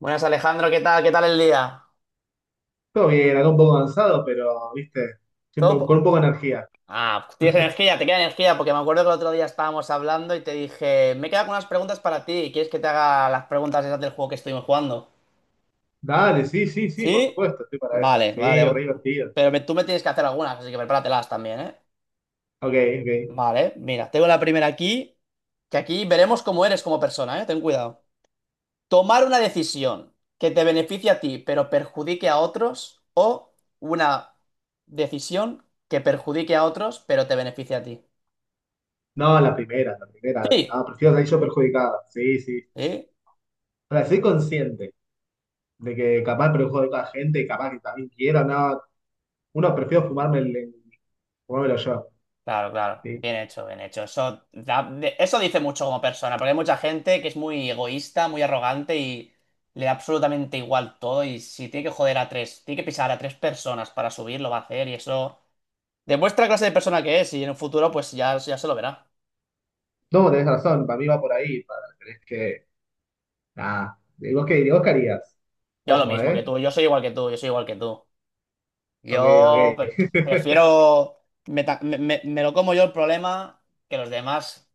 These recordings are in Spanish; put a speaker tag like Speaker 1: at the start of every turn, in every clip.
Speaker 1: Buenas Alejandro, ¿qué tal? ¿Qué tal el día?
Speaker 2: Todo bien, acá un poco cansado, pero, viste,
Speaker 1: ¿Todo
Speaker 2: siempre con un poco de
Speaker 1: po-
Speaker 2: energía.
Speaker 1: Ah, tienes energía, te queda energía, porque me acuerdo que el otro día estábamos hablando y te dije, me he quedado con unas preguntas para ti, ¿quieres que te haga las preguntas esas del juego que estuvimos jugando?
Speaker 2: Dale, sí, sí, sí, por
Speaker 1: ¿Sí?
Speaker 2: supuesto, estoy para esa.
Speaker 1: Vale,
Speaker 2: Sí, re
Speaker 1: vale,
Speaker 2: divertido.
Speaker 1: pero tú me tienes que hacer algunas, así que prepáratelas también, ¿eh?
Speaker 2: Ok, ok.
Speaker 1: Vale, mira, tengo la primera aquí, que aquí veremos cómo eres como persona, ¿eh? Ten cuidado. Tomar una decisión que te beneficie a ti, pero perjudique a otros, o una decisión que perjudique a otros, pero te beneficie a ti.
Speaker 2: No, la primera, la primera.
Speaker 1: Sí,
Speaker 2: No, prefiero salir yo perjudicado. Sí, sí.
Speaker 1: sí.
Speaker 2: O sea, soy consciente de que capaz perjudico a gente, capaz que también quiero, no. Uno prefiero fumármelo yo.
Speaker 1: Claro, claro.
Speaker 2: Sí.
Speaker 1: Bien hecho, bien hecho. Eso, eso dice mucho como persona, porque hay mucha gente que es muy egoísta, muy arrogante y le da absolutamente igual todo. Y si tiene que joder a tres, tiene que pisar a tres personas para subir, lo va a hacer. Y eso demuestra la clase de persona que es. Y en un futuro, pues ya, ya se lo verá.
Speaker 2: No, tenés razón, para mí va por ahí. Para, tenés que. Nada. ¿Y vos qué harías?
Speaker 1: Yo lo
Speaker 2: Ojo,
Speaker 1: mismo que
Speaker 2: ¿eh?
Speaker 1: tú, yo soy igual que tú, yo soy igual que tú.
Speaker 2: Ok,
Speaker 1: Yo
Speaker 2: ok.
Speaker 1: pre- prefiero. Me, ta- me- me- me lo como yo el problema que los demás.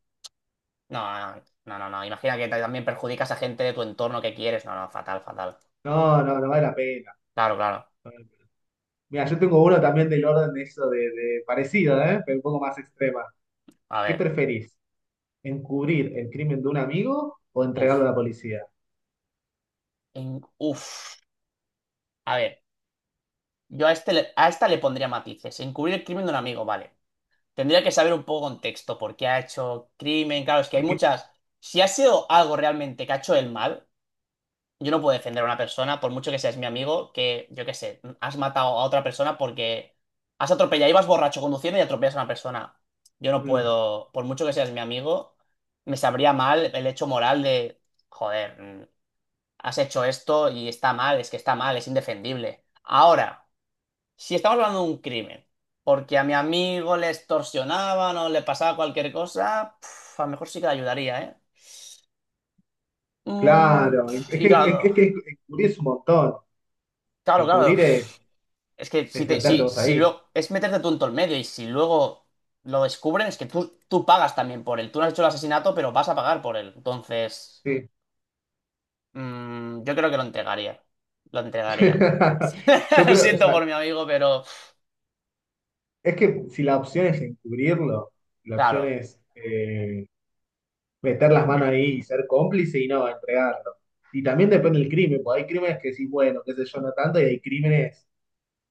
Speaker 1: No, no, no, no. No. Imagina que también perjudicas a gente de tu entorno que quieres. No, no, fatal, fatal.
Speaker 2: No, no, no vale la pena.
Speaker 1: Claro, claro.
Speaker 2: Mira, yo tengo uno también del orden de eso de parecido, ¿eh? Pero un poco más extrema.
Speaker 1: A
Speaker 2: ¿Qué
Speaker 1: ver.
Speaker 2: preferís? ¿Encubrir el crimen de un amigo o
Speaker 1: Uf.
Speaker 2: entregarlo a la policía?
Speaker 1: Uf. A ver. Yo a, este le- a esta le pondría matices. Encubrir el crimen de un amigo, vale. Tendría que saber un poco contexto, por qué ha hecho crimen. Claro, es que hay
Speaker 2: Que- que-
Speaker 1: muchas. Si ha sido algo realmente que ha hecho el mal. Yo no puedo defender a una persona, por mucho que seas mi amigo, que, yo qué sé, has matado a otra persona porque has atropellado, ibas borracho conduciendo y atropellas a una persona. Yo no
Speaker 2: mm,
Speaker 1: puedo, por mucho que seas mi amigo, me sabría mal el hecho moral de, joder, has hecho esto y está mal, es que está mal, es indefendible. Ahora, si estamos hablando de un crimen, porque a mi amigo le extorsionaban o le pasaba cualquier cosa, pf, a lo mejor sí que le ayudaría, ¿eh? Mm,
Speaker 2: claro,
Speaker 1: pf, y claro,
Speaker 2: es que encubrir es un montón.
Speaker 1: claro, claro.
Speaker 2: Encubrir es,
Speaker 1: Es que si
Speaker 2: es
Speaker 1: te,
Speaker 2: meterte
Speaker 1: si,
Speaker 2: vos
Speaker 1: si
Speaker 2: ahí.
Speaker 1: lo, es meterte tú en todo el medio y si luego lo descubren, es que tú pagas también por él. Tú no has hecho el asesinato, pero vas a pagar por él. Entonces,
Speaker 2: Sí.
Speaker 1: yo creo que lo entregaría. Lo entregaría.
Speaker 2: Yo
Speaker 1: Lo
Speaker 2: creo, o
Speaker 1: siento
Speaker 2: sea,
Speaker 1: por mi amigo, pero
Speaker 2: es que si la opción es encubrirlo, la opción
Speaker 1: claro,
Speaker 2: es meter las manos ahí y ser cómplice y no entregarlo. Y también depende del crimen, porque hay crímenes que sí, bueno, qué sé yo, no tanto, y hay crímenes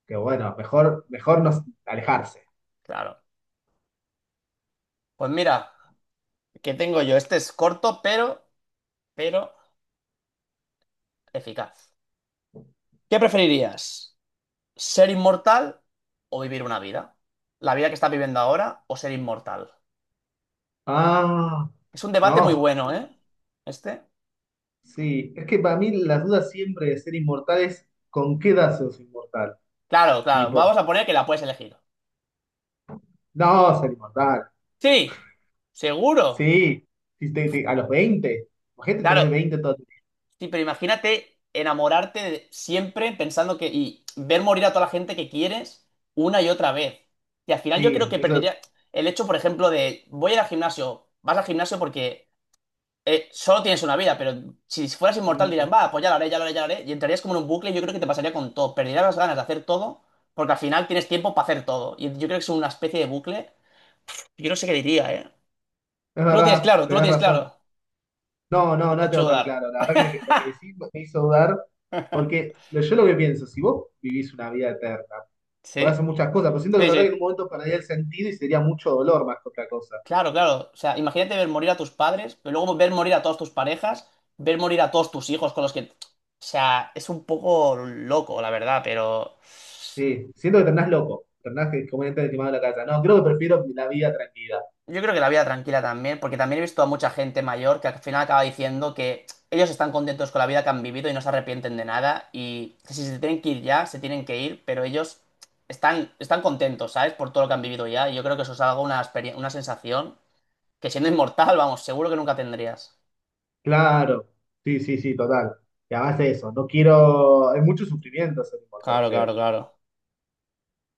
Speaker 2: que bueno, mejor, mejor no alejarse.
Speaker 1: claro. Pues mira, ¿qué tengo yo? Este es corto, pero eficaz. ¿Qué preferirías? ¿Ser inmortal o vivir una vida? ¿La vida que estás viviendo ahora o ser inmortal?
Speaker 2: Ah,
Speaker 1: Es un debate muy
Speaker 2: no,
Speaker 1: bueno, ¿eh? Este.
Speaker 2: sí. Es que para mí la duda siempre de ser inmortal es ¿con qué edad sos inmortal?
Speaker 1: Claro, claro.
Speaker 2: Tipo,
Speaker 1: Vamos a poner que la puedes elegir.
Speaker 2: no, ser inmortal.
Speaker 1: Sí, seguro.
Speaker 2: Sí, sí, a los 20. Imagínate tener
Speaker 1: Claro,
Speaker 2: 20 todo. El
Speaker 1: sí, pero imagínate enamorarte siempre pensando que, y ver morir a toda la gente que quieres una y otra vez. Y al final yo creo
Speaker 2: Sí,
Speaker 1: que
Speaker 2: eso,
Speaker 1: perdería el hecho, por ejemplo, de voy a ir al gimnasio, vas al gimnasio porque solo tienes una vida, pero si fueras inmortal
Speaker 2: mm,
Speaker 1: dirían, va, pues ya lo haré, ya lo haré, ya lo haré. Y entrarías como en un bucle y yo creo que te pasaría con todo. Perderías las ganas de hacer todo porque al final tienes tiempo para hacer todo. Y yo creo que es una especie de bucle. Yo no sé qué diría, ¿eh?
Speaker 2: es
Speaker 1: Tú lo tienes
Speaker 2: verdad,
Speaker 1: claro, tú lo
Speaker 2: tenés
Speaker 1: tienes
Speaker 2: razón.
Speaker 1: claro.
Speaker 2: No, no,
Speaker 1: No te
Speaker 2: no tengo
Speaker 1: hecho
Speaker 2: tan
Speaker 1: dar.
Speaker 2: claro. La verdad que lo que, decís me hizo dudar, porque yo lo que pienso, si vos vivís una vida eterna, podés
Speaker 1: Sí,
Speaker 2: hacer muchas cosas, pero siento que es
Speaker 1: sí,
Speaker 2: verdad que en un
Speaker 1: sí.
Speaker 2: momento perdería el sentido y sería mucho dolor más que otra cosa.
Speaker 1: Claro, claro. O sea, imagínate ver morir a tus padres, pero luego ver morir a todas tus parejas, ver morir a todos tus hijos con los que, o sea, es un poco loco, la verdad, pero
Speaker 2: Sí, siento que tornás loco, tornás que como entra el quemado de la casa. No, creo que prefiero la vida tranquila.
Speaker 1: yo creo que la vida tranquila también, porque también he visto a mucha gente mayor que al final acaba diciendo que ellos están contentos con la vida que han vivido y no se arrepienten de nada y que si se tienen que ir ya, se tienen que ir, pero ellos están contentos, ¿sabes? Por todo lo que han vivido ya y yo creo que eso es algo, una sensación que siendo inmortal, vamos, seguro que nunca tendrías.
Speaker 2: Claro, sí, sí, sí, total. Y además de eso, no quiero. Hay mucho sufrimiento ser inmortal,
Speaker 1: Claro,
Speaker 2: creo.
Speaker 1: claro, claro.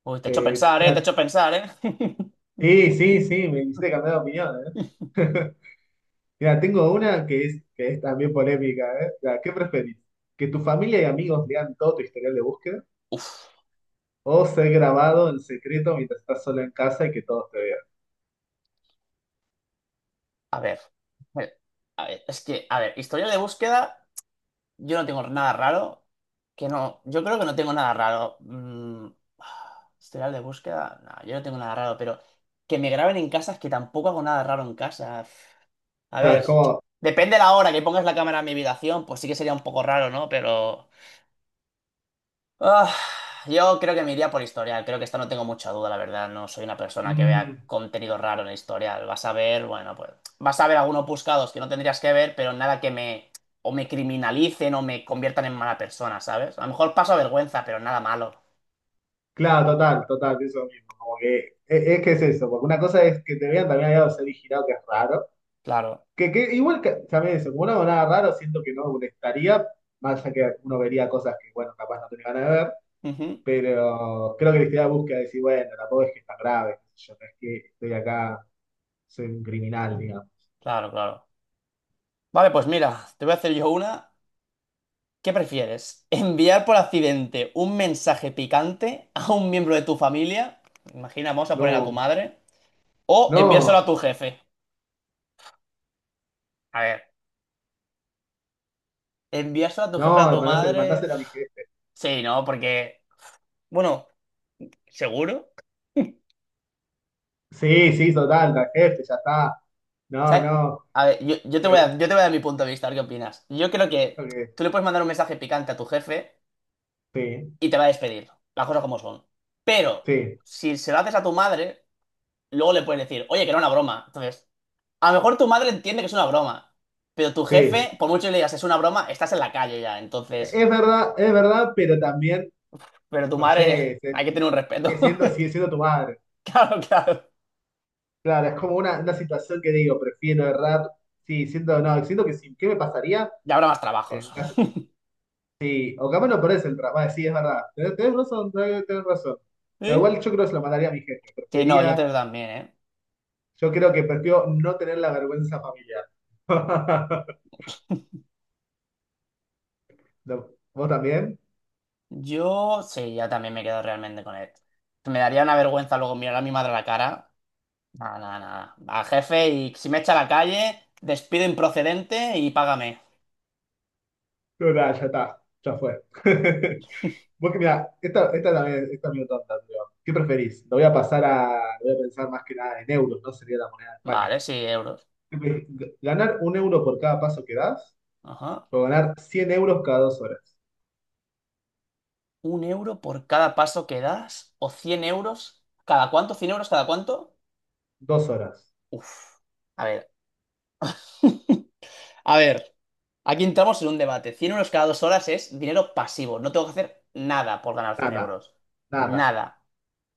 Speaker 1: Uy, te he hecho pensar, ¿eh? Te he
Speaker 2: Mira,
Speaker 1: hecho pensar, ¿eh?
Speaker 2: sí, sí, sí, me hiciste cambiar de opinión, ¿eh? Mira, tengo una que es también polémica, ¿eh? Mira, ¿qué preferís? ¿Que tu familia y amigos lean todo tu historial de búsqueda?
Speaker 1: Uf,
Speaker 2: ¿O ser grabado en secreto mientras estás solo en casa y que todos te vean?
Speaker 1: a ver. Eh, A ver, es que, a ver, historia de búsqueda, yo no tengo nada raro. Que no, yo creo que no tengo nada raro. Historial de búsqueda, no, yo no tengo nada raro, pero que me graben en casa es que tampoco hago nada raro en casa. A
Speaker 2: O sea, es
Speaker 1: ver,
Speaker 2: como.
Speaker 1: depende de la hora que pongas la cámara en mi habitación, pues sí que sería un poco raro, ¿no? Pero. Ah, yo creo que me iría por historial. Creo que esta no tengo mucha duda, la verdad. No soy una persona que vea
Speaker 2: mm,
Speaker 1: contenido raro en el historial. Vas a ver, bueno, pues vas a ver algunos buscados que no tendrías que ver, pero nada que me o me criminalicen o me conviertan en mala persona, ¿sabes? A lo mejor paso vergüenza, pero nada malo.
Speaker 2: Claro, total, total, eso mismo. Como que es, que es eso, porque una cosa es que te vean también al lado de ser girado, que es raro.
Speaker 1: Claro.
Speaker 2: Que igual que, ¿sabes? Como no hago nada raro, siento que no molestaría, más allá que uno vería cosas que, bueno, capaz no tenía ganas de ver,
Speaker 1: Ujú.
Speaker 2: pero creo que la historia busca decir, bueno, tampoco es que es tan grave, qué sé yo, no es que estoy acá, soy un criminal, digamos.
Speaker 1: Claro, claro. Vale, pues mira, te voy a hacer yo una. ¿Qué prefieres? ¿Enviar por accidente un mensaje picante a un miembro de tu familia? Imagina, vamos a poner a tu
Speaker 2: No,
Speaker 1: madre. ¿O enviárselo
Speaker 2: no,
Speaker 1: a tu jefe? A ver. Enviárselo a tu
Speaker 2: no,
Speaker 1: jefe, a tu
Speaker 2: mandásela,
Speaker 1: madre.
Speaker 2: mandásela a mi jefe.
Speaker 1: Sí, no, porque. Bueno, seguro.
Speaker 2: Sí, sí, total, al jefe, ya está. No,
Speaker 1: ¿Sabes?
Speaker 2: no,
Speaker 1: A ver,
Speaker 2: que,
Speaker 1: yo te voy a dar mi punto de vista, a ver qué opinas. Yo creo que
Speaker 2: ok,
Speaker 1: tú le puedes mandar un mensaje picante a tu jefe
Speaker 2: sí,
Speaker 1: y te va a despedir. Las cosas como son. Pero,
Speaker 2: sí,
Speaker 1: si se lo haces a tu madre, luego le puedes decir, oye, que era una broma. Entonces, a lo mejor tu madre entiende que es una broma. Pero tu
Speaker 2: sí.
Speaker 1: jefe, por mucho que le digas es una broma, estás en la calle ya. Entonces,
Speaker 2: Es verdad, pero también,
Speaker 1: pero tu
Speaker 2: no
Speaker 1: madre,
Speaker 2: sé,
Speaker 1: hay que tener un respeto.
Speaker 2: sigue siendo tu madre.
Speaker 1: Claro, claro.
Speaker 2: Claro, es como una situación que digo, prefiero errar. Sí, siento, no, siento que sí, ¿qué me pasaría?
Speaker 1: Ya habrá más trabajos.
Speaker 2: En caso, sí, o capaz no perdés el trabajo. Vale, sí, es verdad. Tenés razón, tenés razón. Pero
Speaker 1: ¿Sí?
Speaker 2: igual yo creo que se lo mandaría a mi jefe.
Speaker 1: Sí, no,
Speaker 2: Prefería,
Speaker 1: también, ¿eh?
Speaker 2: yo creo que prefiero no tener la vergüenza familiar. No, ¿vos también?
Speaker 1: Yo sí, ya también me quedo realmente con él. Me daría una vergüenza luego mirar a mi madre a la cara. Nada, nada, nada. A jefe y si me echa a la calle, despido improcedente y págame.
Speaker 2: No, nada, ya está, ya fue. Vos que mirá, esta también, esta medio tonta, pero ¿qué preferís? Lo voy a pensar más que nada en euros, no sería la moneda de España.
Speaker 1: Vale, sí, euros.
Speaker 2: ¿Qué preferís? ¿Ganar 1 euro por cada paso que das?
Speaker 1: Ajá.
Speaker 2: ¿O ganar 100 euros cada 2 horas?
Speaker 1: ¿1 euro por cada paso que das? ¿O 100 euros? ¿Cada cuánto? 100 euros, ¿cada cuánto?
Speaker 2: 2 horas.
Speaker 1: Uf. A ver. A ver. Aquí entramos en un debate. 100 euros cada 2 horas es dinero pasivo. No tengo que hacer nada por ganar 100
Speaker 2: Nada,
Speaker 1: euros.
Speaker 2: nada.
Speaker 1: Nada.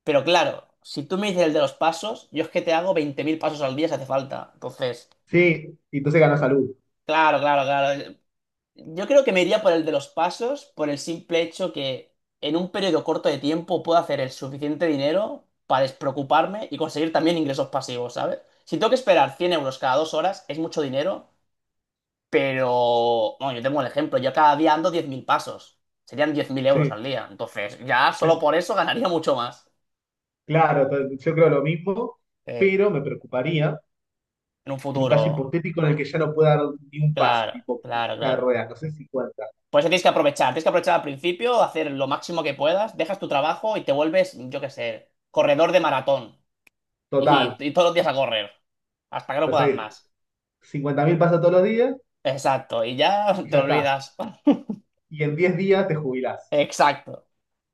Speaker 1: Pero claro, si tú me dices el de los pasos, yo es que te hago 20.000 pasos al día si hace falta. Entonces,
Speaker 2: Sí, y entonces ganás salud.
Speaker 1: claro, claro, claro. Yo creo que me iría por el de los pasos por el simple hecho que en un periodo corto de tiempo puedo hacer el suficiente dinero para despreocuparme y conseguir también ingresos pasivos, ¿sabes? Si tengo que esperar 100 euros cada dos horas, es mucho dinero, pero. Bueno, yo tengo el ejemplo, yo cada día ando 10.000 pasos. Serían 10.000 euros
Speaker 2: Sí,
Speaker 1: al día. Entonces, ya solo por eso ganaría mucho más.
Speaker 2: claro, yo creo lo mismo,
Speaker 1: eh,
Speaker 2: pero me preocuparía
Speaker 1: en un
Speaker 2: en un caso
Speaker 1: futuro.
Speaker 2: hipotético en el que ya no pueda dar ni un paso,
Speaker 1: Claro,
Speaker 2: tipo
Speaker 1: claro,
Speaker 2: silla de
Speaker 1: claro.
Speaker 2: ruedas, no sé, cincuenta
Speaker 1: Por eso tienes que aprovechar. Tienes que aprovechar al principio, hacer lo máximo que puedas, dejas tu trabajo y te vuelves, yo qué sé, corredor de maratón. Y,
Speaker 2: Total,
Speaker 1: y todos los días a correr. Hasta que no puedas
Speaker 2: entonces
Speaker 1: más.
Speaker 2: 50.000 pasos todos los días
Speaker 1: Exacto. Y ya
Speaker 2: y
Speaker 1: te
Speaker 2: ya está.
Speaker 1: olvidas.
Speaker 2: Y en 10 días te jubilás.
Speaker 1: Exacto.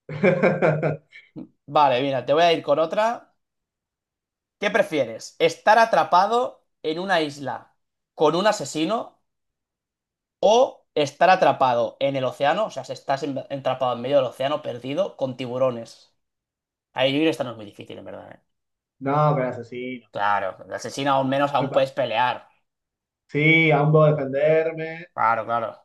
Speaker 1: Vale, mira, te voy a ir con otra. ¿Qué prefieres? ¿Estar atrapado en una isla con un asesino o estar atrapado en el océano? O sea, si estás atrapado en medio del océano perdido con tiburones. Ahí yo creo que esta no es muy difícil, en verdad, ¿eh?
Speaker 2: No, pero asesino.
Speaker 1: Claro, el asesino aún menos aún
Speaker 2: Epa.
Speaker 1: puedes pelear.
Speaker 2: Sí, aún puedo defenderme.
Speaker 1: Claro, claro.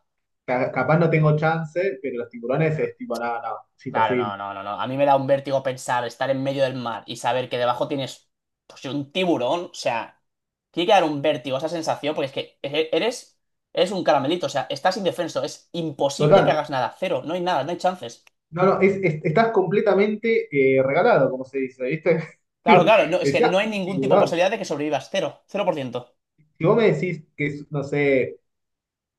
Speaker 2: Capaz no tengo chance, pero los tiburones
Speaker 1: Yo-
Speaker 2: es tipo, nada, no, no, es
Speaker 1: Claro, no,
Speaker 2: imposible.
Speaker 1: no, no, no. A mí me da un vértigo pensar estar en medio del mar y saber que debajo tienes pues, un tiburón. O sea, tiene que dar un vértigo esa sensación porque es que eres un caramelito. O sea, estás indefenso. Es imposible que
Speaker 2: Total.
Speaker 1: hagas nada. Cero. No hay nada, no hay chances.
Speaker 2: No, no, es, estás completamente regalado, como se dice, ¿viste?
Speaker 1: Claro, claro. No, es que
Speaker 2: Decía
Speaker 1: no hay
Speaker 2: un
Speaker 1: ningún tipo de
Speaker 2: tiburón.
Speaker 1: posibilidad de que sobrevivas. Cero. 0%.
Speaker 2: Si vos me decís que, es, no sé,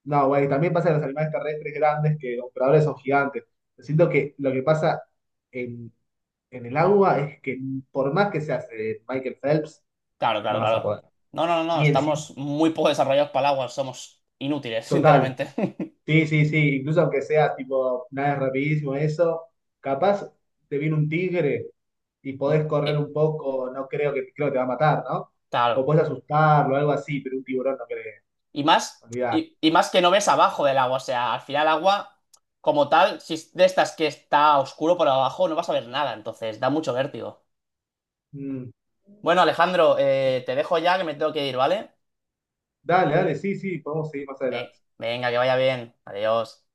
Speaker 2: no, güey, también pasa en los animales terrestres grandes que los depredadores son gigantes. Yo siento que lo que pasa en, en el agua es que por más que seas Michael Phelps,
Speaker 1: Claro, claro,
Speaker 2: no vas a
Speaker 1: claro.
Speaker 2: poder.
Speaker 1: No, no, no, no.
Speaker 2: Ni el cin-
Speaker 1: Estamos muy poco desarrollados para el agua. Somos inútiles,
Speaker 2: Total.
Speaker 1: sinceramente.
Speaker 2: Sí, sí, sí. Incluso aunque seas tipo, nada rapidísimo eso, capaz te viene un tigre y
Speaker 1: Y,
Speaker 2: podés correr un poco, no creo que, creo que te va a matar, ¿no? O
Speaker 1: claro.
Speaker 2: podés asustarlo, algo así, pero un tiburón no creo.
Speaker 1: Y más,
Speaker 2: Olvidar.
Speaker 1: y más que no ves abajo del agua. O sea, al final el agua, como tal, si es de estas que está oscuro por abajo, no vas a ver nada. Entonces, da mucho vértigo.
Speaker 2: Mm.
Speaker 1: Bueno, Alejandro, te dejo ya que me tengo que ir, ¿vale?
Speaker 2: Dale, dale, sí, sí, podemos seguir más
Speaker 1: Eh,
Speaker 2: adelante.
Speaker 1: venga, que vaya bien. Adiós.